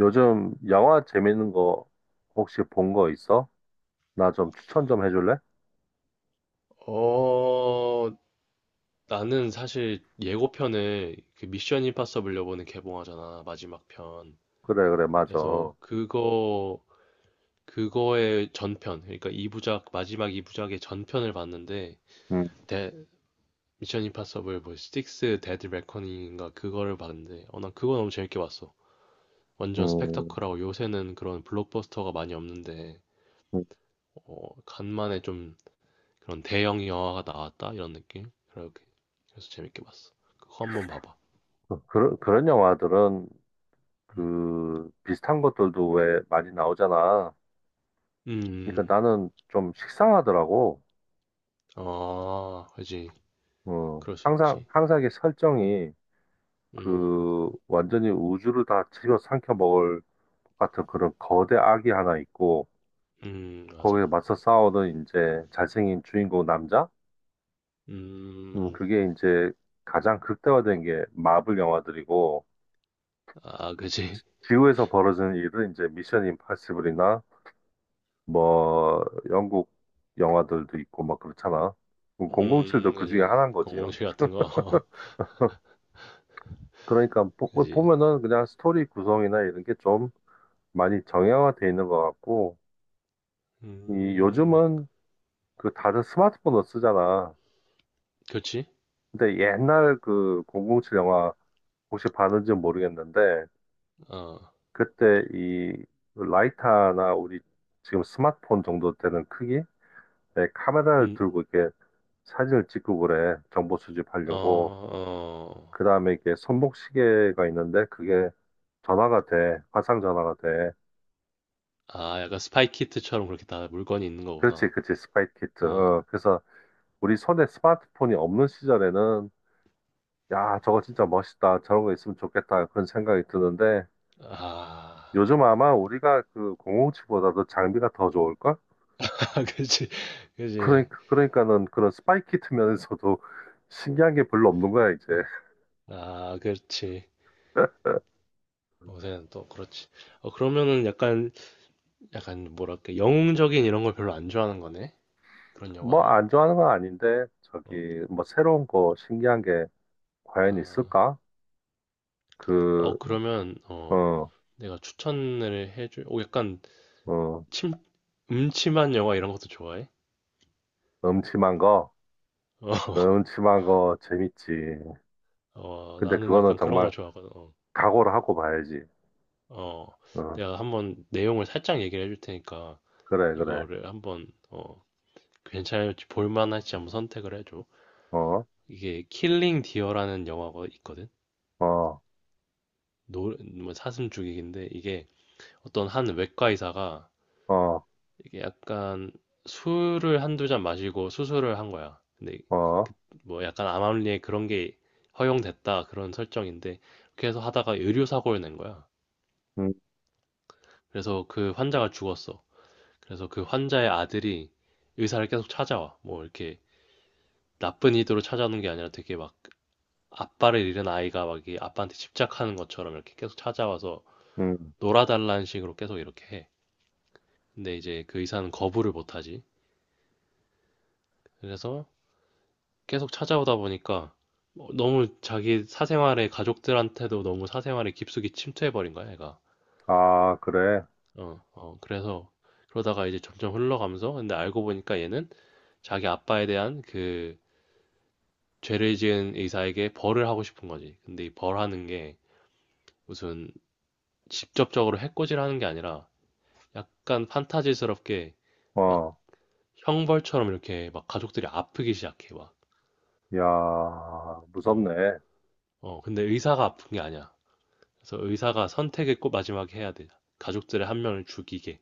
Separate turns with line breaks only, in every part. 요즘 영화 재밌는 거 혹시 본 거 있어? 나 좀 추천 좀 해줄래?
어, 나는 사실 예고편을 그 미션 임파서블 요번에 개봉하잖아, 마지막 편.
그래, 그래, 맞아.
그래서 그거의 전편, 그러니까 2부작, 마지막 2부작의 전편을 봤는데,
음,
데, 미션 임파서블 뭐, 스틱스 데드 레커닝인가 그거를 봤는데, 난 그거 너무 재밌게 봤어. 완전
음,
스펙터클하고 요새는 그런 블록버스터가 많이 없는데,
음.
간만에 좀 그런 대형 영화가 나왔다? 이런 느낌? 그렇게. 그래서 재밌게 봤어. 그거 한번 봐봐.
그런 영화들은
음.
그 비슷한 것들도 왜 많이 나오잖아. 그러니까
음,
나는 좀 식상하더라고.
아, 그지.
어,
그럴 수
항상,
있지.
항상 이게 설정이
음.
그 완전히 우주를 다 집어 삼켜 먹을 것 같은 그런 거대 악이 하나 있고
음,
거기에
맞아.
맞서 싸우는 이제 잘생긴 주인공 남자?
음.
그게 이제 가장 극대화된 게 마블 영화들이고,
아, 그지.
지구에서 벌어지는 일은 이제 미션 임파서블이나 뭐, 영국 영화들도 있고 막 그렇잖아.
음,
007도 그
그지,
중에
그지.
하나인 거지요.
공공칠 같은 거.
그러니까 보,
그지.
보면은 그냥 스토리 구성이나 이런 게 좀 많이 정형화돼 있는 것 같고, 이
음.
요즘은 그 다들 스마트폰을 쓰잖아.
그렇지.
근데 옛날 그 007 영화 혹시 봤는지 모르겠는데,
어.
그때 이 라이터나 우리 지금 스마트폰 정도 되는 크기의 카메라를
음.
들고 이렇게 사진을 찍고 그래. 정보
어,
수집하려고. 그
어.
다음에 이게 손목시계가 있는데 그게 전화가 돼. 화상 전화가 돼.
아, 약간 스파이 키트처럼 그렇게 다 물건이 있는
그렇지,
거구나.
그렇지. 스파이 키트.
어.
어, 그래서 우리 손에 스마트폰이 없는 시절에는 야, 저거 진짜 멋있다. 저런 거 있으면 좋겠다. 그런 생각이 드는데
아.
요즘 아마 우리가 그 공공7보다도 장비가 더 좋을걸?
그지. 그지.
그러니까, 그러니까는 그런 스파이키트 면에서도 신기한 게 별로 없는 거야, 이제.
아, 그렇지. 요새는 또 그렇지. 그러면은 약간 뭐랄까 영웅적인 이런 걸 별로 안 좋아하는 거네. 그런
뭐
영화를.
안 좋아하는 건 아닌데,
어,
저기, 뭐 새로운 거 신기한 게 과연
아,
있을까? 그,
그러면
어,
내가 추천을 해줄. 오, 약간
어,
침 음침한 영화 이런 것도 좋아해?
음침한 거,
어,
음침한 거 재밌지. 근데
나는
그거는
약간 그런 거
정말
좋아하거든.
각오를 하고 봐야지.
어,
어,
내가 한번 내용을 살짝 얘기를 해줄 테니까
그래, 그래.
이거를 한번 괜찮을지 볼만할지 한번 선택을 해줘.
어,
이게 킬링 디어라는 영화가 있거든.
어,
노, 뭐 사슴 죽이기인데 이게 어떤 한 외과 의사가
어,
이게 약간 술을 한두 잔 마시고 수술을 한 거야. 근데 그-
어,
뭐 약간 암암리에 그런 게 허용됐다 그런 설정인데 그렇게 해서 하다가 의료 사고를 낸 거야.
음,
그래서 그 환자가 죽었어. 그래서 그 환자의 아들이 의사를 계속 찾아와. 뭐 이렇게 나쁜 의도로 찾아오는 게 아니라 되게 막 아빠를 잃은 아이가 막 이게 아빠한테 집착하는 것처럼 이렇게 계속 찾아와서
음.
놀아달라는 식으로 계속 이렇게 해. 근데 이제 그 의사는 거부를 못하지. 그래서 계속 찾아오다 보니까 너무 자기 사생활에 가족들한테도 너무 사생활에 깊숙이 침투해버린 거야, 얘가.
아, 그래.
그래서 그러다가 이제 점점 흘러가면서 근데 알고 보니까 얘는 자기 아빠에 대한 그 죄를 지은 의사에게 벌을 하고 싶은 거지. 근데 이 벌하는 게 무슨 직접적으로 해코지를 하는 게 아니라 약간 판타지스럽게 막
어,
형벌처럼 이렇게 막 가족들이 아프기 시작해 막.
야,
어,
무섭네.
근데 의사가 아픈 게 아니야. 그래서 의사가 선택을 꼭 마지막에 해야 돼. 가족들의 한 명을 죽이게.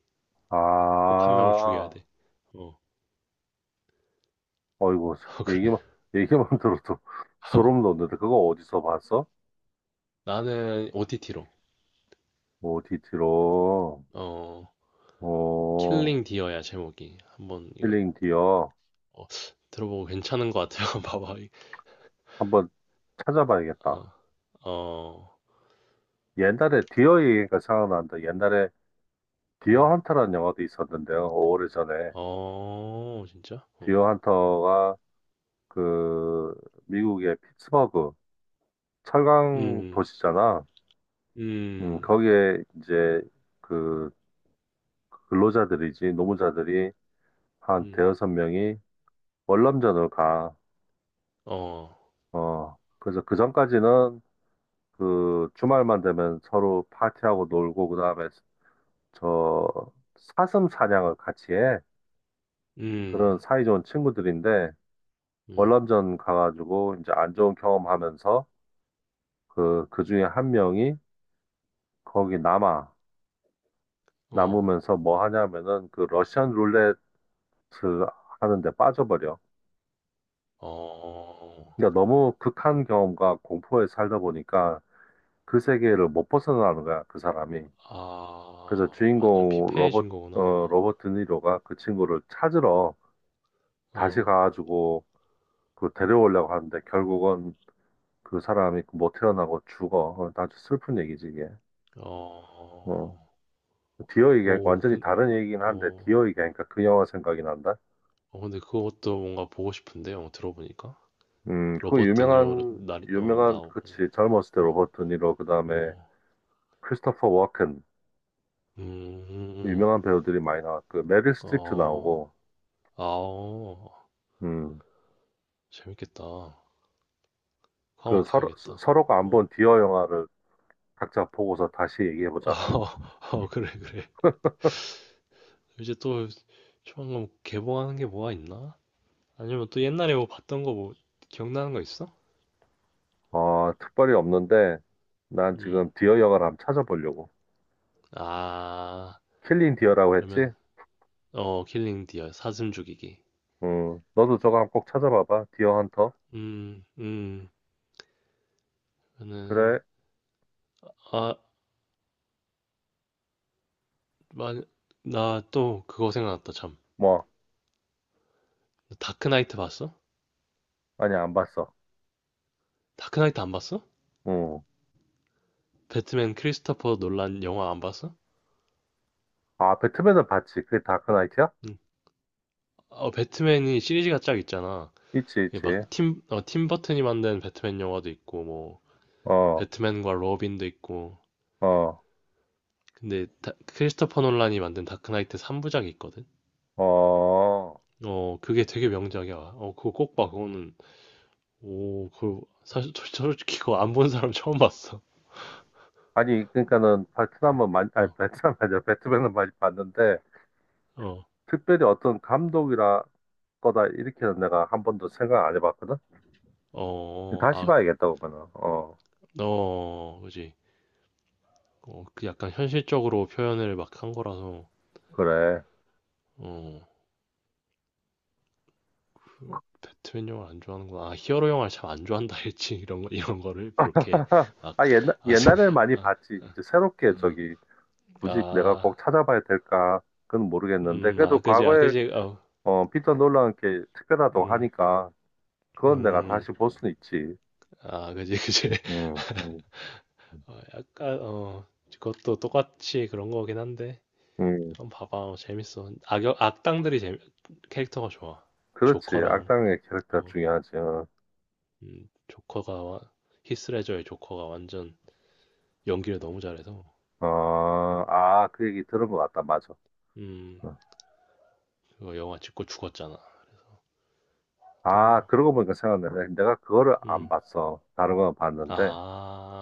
꼭 한 명을 죽여야
아.
돼. 어.
어이구, 얘기만, 얘기만 들어도 소름 돋는데, 그거 어디서 봤어?
나는 OTT로.
오디티로.
어.
어,
킬링 디어야 제목이. 한번 이거
힐링 디어.
어, 들어보고 괜찮은 것 같아요. 봐봐.
한번 찾아봐야겠다.
어. 어.
옛날에 디어 얘기가 생각난다. 옛날에 디어
음.
헌터라는 영화도 있었는데요. 오래전에.
어. 진짜? 어.
디어 헌터가 그, 미국의 피츠버그, 철강
음.
도시잖아.
음.
거기에 이제 그 근로자들이지, 노무자들이 한
음.
대여섯 명이 월남전을 가.
어.
어, 그래서 그 전까지는 그 주말만 되면 서로 파티하고 놀고, 그 다음에 저 사슴 사냥을 같이 해. 그런
음.
사이좋은 친구들인데,
음.
월남전 가가지고 이제 안 좋은 경험하면서 그, 그 중에 한 명이 거기 남아.
어.
남으면서 뭐 하냐면은 그 러시안 룰레트 하는데 빠져버려.
어.
그러니까 너무 극한 경험과 공포에 살다 보니까 그 세계를 못 벗어나는 거야, 그 사람이. 그래서
아. 완전
주인공 로버트,
피폐해진 거구나.
어,
어.
로버트 니로가 그 친구를 찾으러 다시
어.
가가지고 그 데려오려고 하는데 결국은 그 사람이 그 못 태어나고 죽어. 어, 아주 슬픈 얘기지, 이게. 어.
어.
디어 얘기,
오,
완전히 다른 얘기긴 한데,
어,
디어 얘기하니까 그 영화 생각이 난다.
근데 그것도 뭔가 보고 싶은데요. 들어보니까
그
로버트 드니로
유명한, 유명한,
나오고,
그치, 젊었을 때
어,
로버트 니로, 그 다음에
어,
크리스토퍼 워켄,
음, 음, 음.
유명한 배우들이 많이 나왔고, 메릴 스트립도
어,
나오고,
아오,
음,
재밌겠다. 그거 한번
그 서로, 서-
봐야겠다.
서로가 안 본
어,
디어 영화를 각자 보고서 다시 얘기해보자.
어, 그래, 그래. 이제 또 조만간 개봉하는 게 뭐가 있나? 아니면 또 옛날에 뭐 봤던 거 뭐 기억나는 거 있어?
어, 특별히 없는데, 난
음,
지금 디어 영화를 한번 찾아보려고.
아,
킬링 디어라고
그러면
했지?
킬링 디어 사슴 죽이기.
응, 너도 저거 한번 꼭 찾아봐봐. 디어 헌터.
음, 음, 저는
그래,
아, 만, 나 또 그거 생각났다, 참.
뭐,
다크나이트 봤어?
아니, 안 봤어.
다크나이트 안 봤어?
응.
배트맨 크리스토퍼 놀란 영화 안 봤어?
아, 배트맨은 봤지. 그게 다크나이트야?
응. 배트맨이 시리즈가 쫙 있잖아.
있지,
이게
있지.
막 팀 버튼이 만든 배트맨 영화도 있고, 뭐,
어,
배트맨과 로빈도 있고.
어,
근데 크리스토퍼 놀란이 만든 다크나이트 3부작이 있거든?
어.
그게 되게 명작이야. 그거 꼭 봐. 그거는, 오, 그 사실 솔직히 그거 안 본 사람 처음 봤어.
아니, 그러니까는 베트남은 많이, 아니,
어,
베트남 아니야. 배트맨은 많이 봤는데,
어,
특별히 어떤 감독이라 거다, 이렇게는 내가 한 번도 생각 안 해봤거든?
어, 어,
다시
아,
봐야겠다, 그러면은. 어,
어, 그지. 그 약간 현실적으로 표현을 막 한 거라서,
그래.
어, 그 배트맨 영화를 안 좋아하는구나. 아, 히어로 영화를 참 안 좋아한다 했지. 이런 거를, 그렇게, 막,
아, 옛날,
아,
옛날에 많이
아,
봤지. 이제 새롭게 저기, 굳이 내가
아,
꼭 찾아봐야 될까? 그건 모르겠는데. 그래도
아, 그지, 아,
과거에,
그지, 어,
어, 피터 놀란 게 특별하다고
음,
하니까, 그건 내가
음,
다시 볼 수는 있지.
아, 그지, 그지.
음, 음, 음.
약간, 그것도 똑같이 그런 거긴 한데,
음,
한번 봐봐. 재밌어. 악역, 악당들이 캐릭터가 좋아.
그렇지.
조커랑,
악당의 캐릭터
어,
중요하지. 어,
조커가, 와- 히스레저의 조커가 완전, 연기를 너무 잘해서
어, 아, 그 얘기 들은 것 같다. 맞아.
음
어.
그거 영화 찍고 죽었잖아.
아, 그러고 보니까 생각나네. 내가 그거를 안
또음아
봤어. 다른 건 봤는데.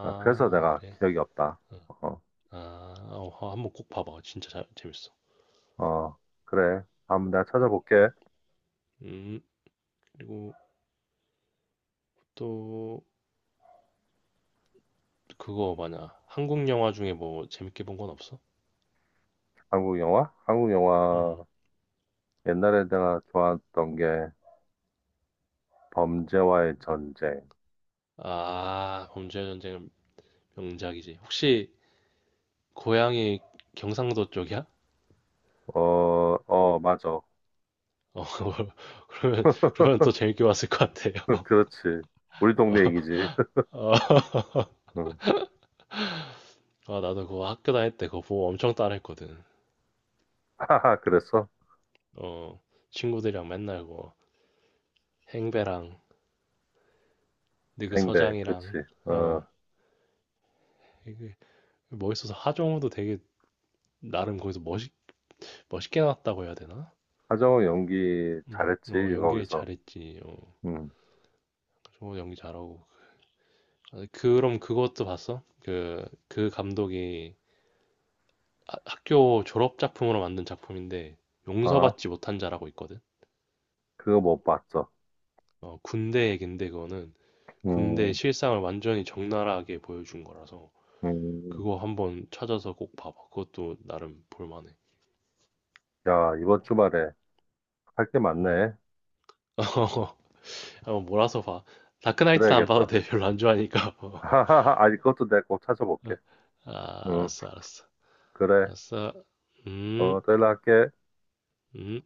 아, 그래서 내가
그래.
기억이 없다.
어.
어,
아, 한번 꼭 봐봐, 진짜 재밌어.
어, 그래. 한번 내가 찾아볼게.
음, 음 그리고 또 그거 뭐냐 한국 영화 중에 뭐 재밌게 본 건 없어?
한국 영화? 한국 영화 옛날에 내가 좋아했던 게 범죄와의 전쟁.
음아 범죄의 전쟁은 명작이지. 혹시 고향이 경상도 쪽이야?
어, 어, 맞아.
어, 그러면 그러면 더 재밌게 봤을 것 같아요.
그렇지. 우리
어,
동네 얘기지.
어,
응.
아, 나도 그거 학교 다닐 때 그거 보고 엄청 따라했거든.
하하, 그랬어?
어, 친구들이랑 맨날 뭐 행배랑 근데 그
생배,
서장이랑
그치.
어,
어,
게 멋있어서 하정우도 되게 나름 거기서 멋있게 나왔다고 해야 되나?
하정우 연기 잘했지,
연기
거기서.
잘했지.
응.
정우 연기 잘하고. 아, 그럼 그것도 봤어? 그 감독이 학교 졸업 작품으로 만든 작품인데
아,
용서받지 못한 자라고 있거든.
그거 못 봤어.
군대 얘긴데 그거는 군대
음,
실상을 완전히 적나라하게 보여준 거라서
음.
그거 한번 찾아서 꼭 봐봐. 그것도 나름 볼만해.
야, 이번 주말에 할 게
음.
많네.
어. 한 몰아서 봐. 다크나이트는 안 봐도
그래야겠다.
돼. 별로 안 좋아하니까.
하하하, 아니, 그것도 내가 꼭
아,
찾아볼게. 응,
알았어, 알았어.
그래.
알았어. 음,
어, 또 연락할게.
음.